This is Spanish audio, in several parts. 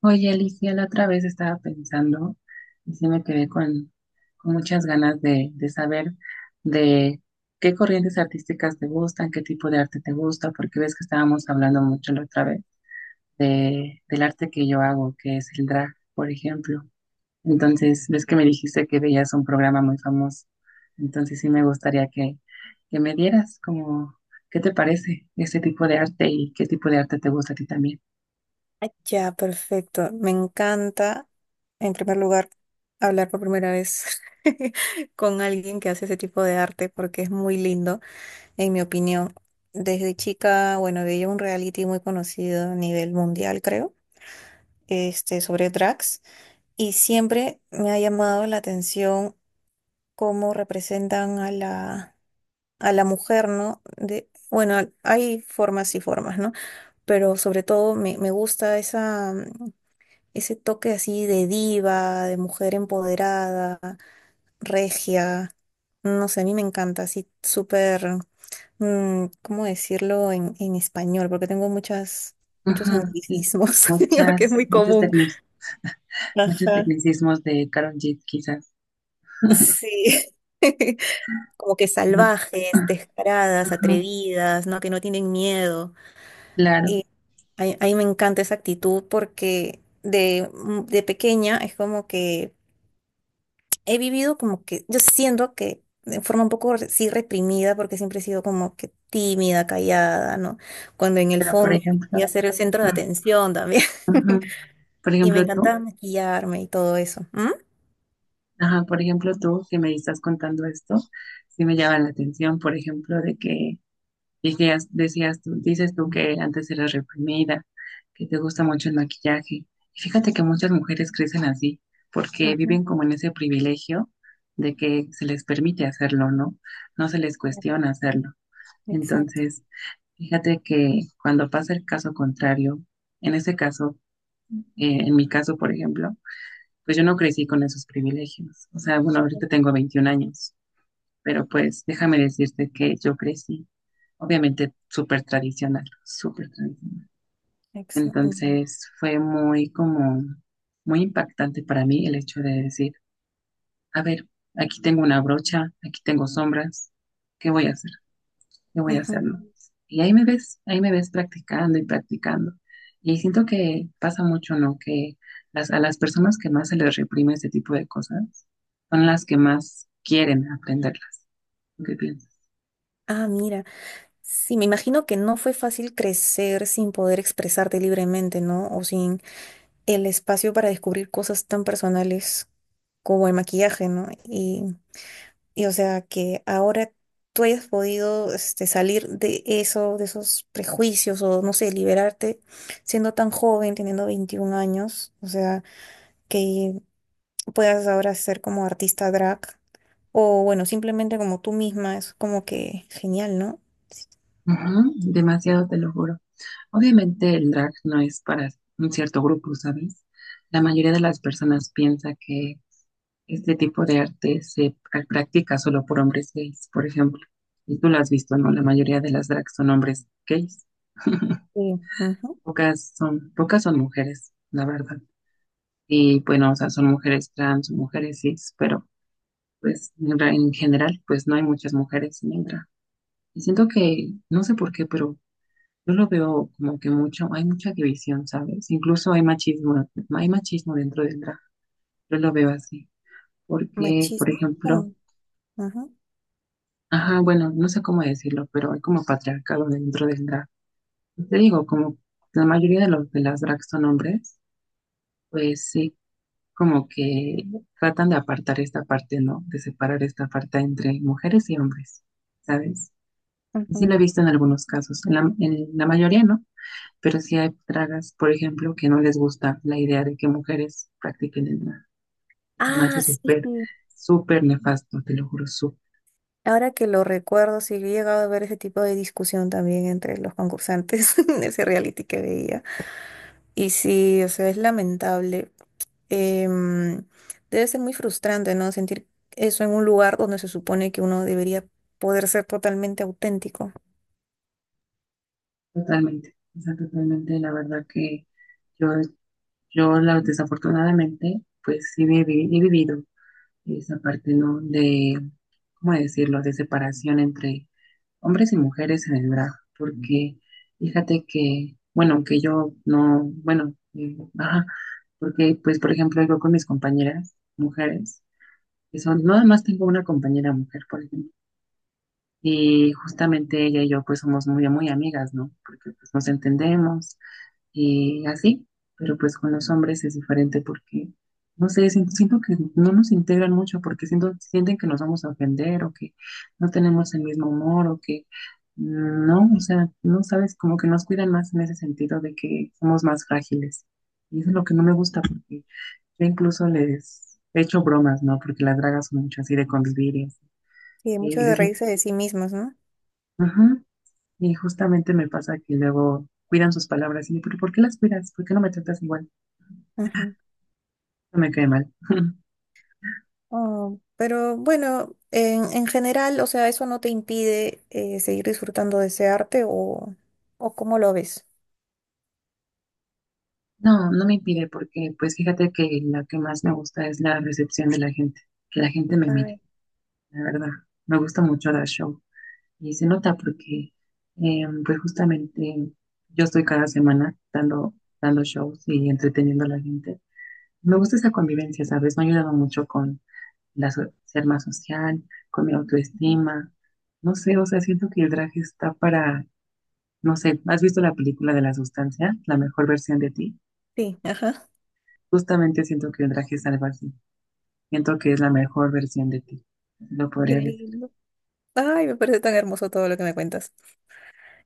Oye, Alicia, la otra vez estaba pensando y sí me quedé con muchas ganas de saber de qué corrientes artísticas te gustan, qué tipo de arte te gusta, porque ves que estábamos hablando mucho la otra vez del arte que yo hago, que es el drag, por ejemplo. Entonces, ves que me dijiste que veías un programa muy famoso. Entonces, sí me gustaría que me dieras como, ¿qué te parece ese tipo de arte y qué tipo de arte te gusta a ti también? Ya, perfecto. Me encanta, en primer lugar, hablar por primera vez con alguien que hace ese tipo de arte porque es muy lindo, en mi opinión. Desde chica, bueno, veía un reality muy conocido a nivel mundial, creo, sobre drags, y siempre me ha llamado la atención cómo representan a la mujer, ¿no? Bueno, hay formas y formas, ¿no? Pero sobre todo me gusta esa ese toque así de diva, de mujer empoderada, regia. No sé, a mí me encanta, así súper, ¿cómo decirlo en español? Porque tengo muchos Ajá, sí, anglicismos, que es muchas, muy muchos común. tecnic, muchos Ajá. tecnicismos de Karol G, quizás, Sí. Como que ¿no? salvajes, Ah, descaradas, Ajá, atrevidas, ¿no? Que no tienen miedo. claro, Y a mí me encanta esa actitud porque de pequeña es como que he vivido como que, yo siento que de forma un poco sí reprimida, porque siempre he sido como que tímida, callada, ¿no? Cuando en el pero por fondo yo ejemplo, quería ser el centro de ah, atención también. ajá, por Y me ejemplo tú, encantaba maquillarme y todo eso. ¿Mm? ajá, por ejemplo tú que me estás contando esto, sí me llama la atención, por ejemplo, de que dices tú que antes eras reprimida, que te gusta mucho el maquillaje. Y fíjate que muchas mujeres crecen así, porque Ujú. viven como en ese privilegio de que se les permite hacerlo, ¿no? No se les Ya, cuestiona hacerlo. exacto. Entonces, fíjate que cuando pasa el caso contrario, en ese caso, en mi caso, por ejemplo, pues yo no crecí con esos privilegios. O sea, bueno, ahorita tengo 21 años, pero pues déjame decirte que yo crecí obviamente súper tradicional, súper tradicional. Exacto. Ya. Entonces fue muy impactante para mí el hecho de decir, a ver, aquí tengo una brocha, aquí tengo sombras, ¿qué voy a hacer? ¿Qué voy a hacer? Ujú. ¿no? Y ahí me ves practicando y practicando. Y siento que pasa mucho, ¿no? Que a las personas que más se les reprime este tipo de cosas son las que más quieren aprenderlas. ¿Tú ¿qué piensas? Ah, mira. Sí, me imagino que no fue fácil crecer sin poder expresarte libremente, ¿no? O sin el espacio para descubrir cosas tan personales como el maquillaje, ¿no? Y o sea, que ahora tú hayas podido salir de eso, de esos prejuicios o no sé, liberarte siendo tan joven, teniendo 21 años, o sea, que puedas ahora ser como artista drag o bueno, simplemente como tú misma, es como que genial, ¿no? Sí. Ujú, demasiado, te lo juro. Obviamente el drag no es para un cierto grupo, ¿sabes? La mayoría de las personas piensa que este tipo de arte practica solo por hombres gays, por ejemplo. Y tú lo has visto, ¿no? La mayoría de las drags son hombres gays. Ujú. Pocas son mujeres, la verdad. Y bueno, o sea, son mujeres trans, mujeres cis, pero pues en general, pues no hay muchas mujeres en el drag. Y siento que, no sé por qué, pero yo lo veo como que mucho, hay mucha división, ¿sabes? Incluso hay machismo dentro del drag. Yo lo veo así, porque, por Machismo. ejemplo, ¿Cómo? Ujú, ajá, bueno, no sé cómo decirlo, pero hay como patriarcado dentro del drag. Te digo, como la mayoría de las drag son hombres, pues sí, como que tratan de apartar esta parte, ¿no? De separar esta parte entre mujeres y hombres, ¿sabes? Y sí ujú. lo he visto en algunos casos, en la mayoría, ¿no? Pero sí hay dragas, por ejemplo, que no les gusta la idea de que mujeres practiquen el drag. Se me Ah, hace sí, súper, sí. súper nefasto, te lo juro, súper. Ahora que lo recuerdo, sí, he llegado a ver ese tipo de discusión también entre los concursantes en ese reality que veía. Y sí, o sea, es lamentable. Em, Debe ser muy frustrante, ¿no? Sentir eso en un lugar donde se supone que uno debería poder ser totalmente auténtico. Totalmente, o sea, totalmente. La verdad que yo, desafortunadamente, pues he vivido esa parte, ¿no? De, ¿cómo decirlo? De separación entre hombres y mujeres en el drag. Porque fíjate que, bueno, que yo no, bueno, ajá, porque, pues, por ejemplo, yo con mis compañeras, mujeres, eso, nada más tengo una compañera mujer, por ejemplo, y justamente ella y yo pues somos muy, muy amigas, ¿no? Porque pues nos entendemos y así, pero pues con los hombres es diferente porque, no sé, siento que no nos integran mucho porque sienten que nos vamos a ofender o que no tenemos el mismo humor o que, no, o sea, no sabes, como que nos cuidan más en ese sentido de que somos más frágiles. Y eso es lo que no me gusta porque yo incluso les he hecho bromas, ¿no? Porque las dragas son mucho así de convivir y así. Sí, mucho Y de les digo, reírse de sí mismos, ¿no? ajá. Y justamente me pasa que luego cuidan sus palabras y yo, pero ¿por qué las cuidas? ¿Por qué no me tratas igual? Ujú. No me cae mal. Oh, pero bueno, en general, o sea, ¿eso no te impide seguir disfrutando de ese arte o cómo lo ves? No, no me impide porque pues fíjate que lo que más me gusta es la recepción de la gente, que la gente me Ay, mire, la verdad. Me gusta mucho dar show y se nota porque pues justamente yo estoy cada semana dando shows y entreteniendo a la gente. Me gusta esa convivencia, ¿sabes? Me ha ayudado mucho con ser más social, con mi ujú. autoestima. No sé, o sea, siento que el drag está para, no sé, ¿has visto la película de la sustancia, la mejor versión de ti? Sí, ajá. Justamente siento que el drag es algo así. Siento que es la mejor versión de ti. Lo Qué podría decir. lindo. Ay, me parece tan hermoso todo lo que me cuentas.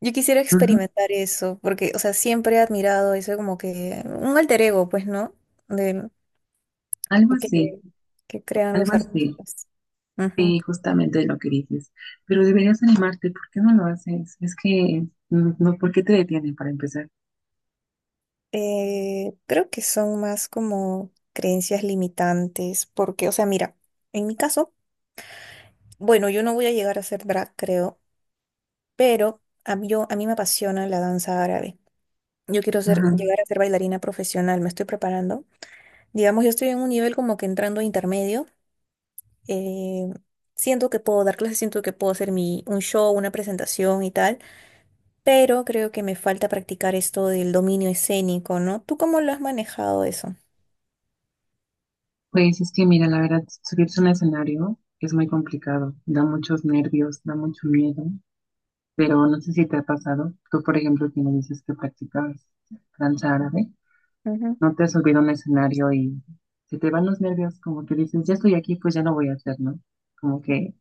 Yo quisiera Ujú, experimentar eso, porque, o sea, siempre he admirado eso como que un alter ego, pues, ¿no? De, algo que, así, que crean algo los así. artistas. Ujú. Sí, justamente lo que dices. Pero deberías animarte, ¿por qué no lo haces? Es que, mm, no, ¿por qué te detienen para empezar? Creo que son más como creencias limitantes, porque, o sea, mira, en mi caso, bueno, yo no voy a llegar a ser drag, creo, pero a mí me apasiona la danza árabe. Yo quiero llegar a ser bailarina profesional, me estoy preparando. Digamos, yo estoy en un nivel como que entrando a intermedio eh, siento que puedo dar clases, siento que puedo hacer un show, una presentación y tal, pero creo que me falta practicar esto del dominio escénico, ¿no? ¿Tú cómo lo has manejado eso? Pues es que mira, la verdad, subirse a un escenario es muy complicado, da muchos nervios, da mucho miedo, pero no sé si te ha pasado, tú por ejemplo que me dices que practicabas danza árabe, Ujú, no te has subido a un escenario y se te van los nervios, como que dices, ya estoy aquí, pues ya no voy a hacer, ¿no? Como que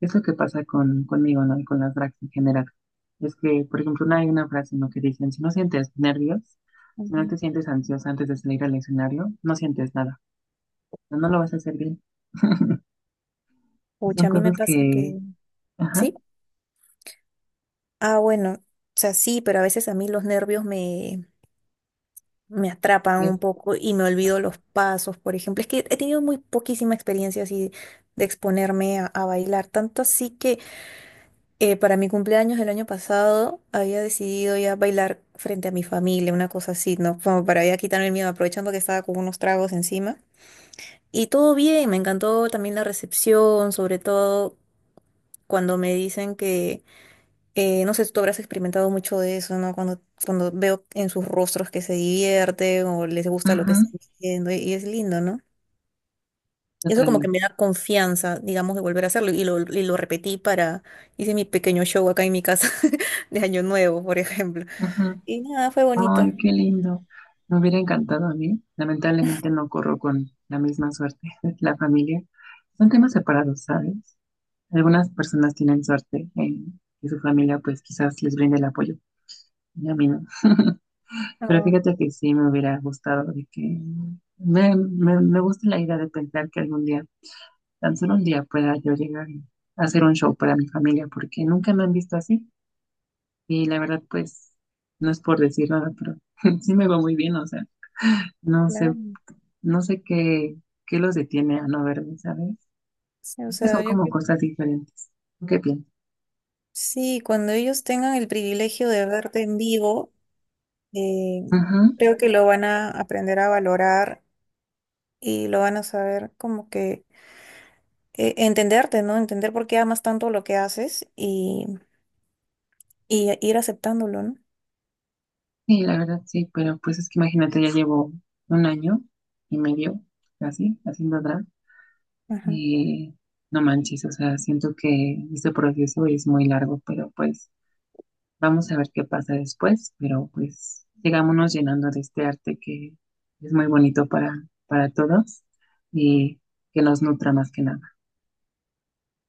es lo que pasa conmigo, ¿no? Y con las drags en general. Es que, por ejemplo, hay una frase, ¿no? Que dicen, si no sientes nervios, si no ujú. te sientes ansiosa antes de salir al escenario, no sientes nada, no lo vas a hacer bien. Son Pucha, a mí me cosas pasa que, que... ajá, ¿Sí? Ah, bueno, o sea, sí, pero a veces a mí los nervios me atrapan de- un poco y me olvido los pasos, por ejemplo. Es que he tenido muy poquísima experiencia así de exponerme a bailar, tanto así que... Para mi cumpleaños del año pasado había decidido ya bailar frente a mi familia, una cosa así, ¿no? Como para ya quitarme el miedo, aprovechando que estaba con unos tragos encima. Y todo bien, me encantó también la recepción, sobre todo cuando me dicen que, no sé, tú habrás experimentado mucho de eso, ¿no? Cuando veo en sus rostros que se divierten o les gusta lo que ujú, están haciendo y es lindo, ¿no? Y eso como que totalmente. me da confianza, digamos, de volver a hacerlo. Y lo repetí. Hice mi pequeño show acá en mi casa de Año Nuevo, por ejemplo. Ujú. Y nada, fue bonito. Ay, qué lindo. Me hubiera encantado a mí. Lamentablemente no corro con la misma suerte. La familia. Son temas separados, ¿sabes? Algunas personas tienen suerte en que su familia pues quizás les brinde el apoyo. Y a mí no. Pero Ah, fíjate que sí me hubiera gustado de que me gusta la idea de pensar que algún día, tan solo un día pueda yo llegar y hacer un show para mi familia, porque nunca me han visto así. Y la verdad, pues, no es por decir nada, pero sí me va muy bien, o sea, no sé, claro. no sé qué, qué los detiene a no verme, ¿sabes? Sí, o Que son sea, como cosas diferentes. ¿Tú ¿qué piensas? sí, cuando ellos tengan el privilegio de verte en vivo, eh, Ujú, creo que lo van a aprender a valorar y lo van a saber como que entenderte, ¿no? Entender por qué amas tanto lo que haces y ir aceptándolo, ¿no? sí, la verdad, sí, pero pues es que imagínate, ya llevo un año y medio así, haciendo drag, Ajá. y no manches, o sea, siento que este proceso es muy largo, pero pues vamos a ver qué pasa después, pero pues sigámonos llenando de este arte que es muy bonito para todos y que nos nutra más que nada.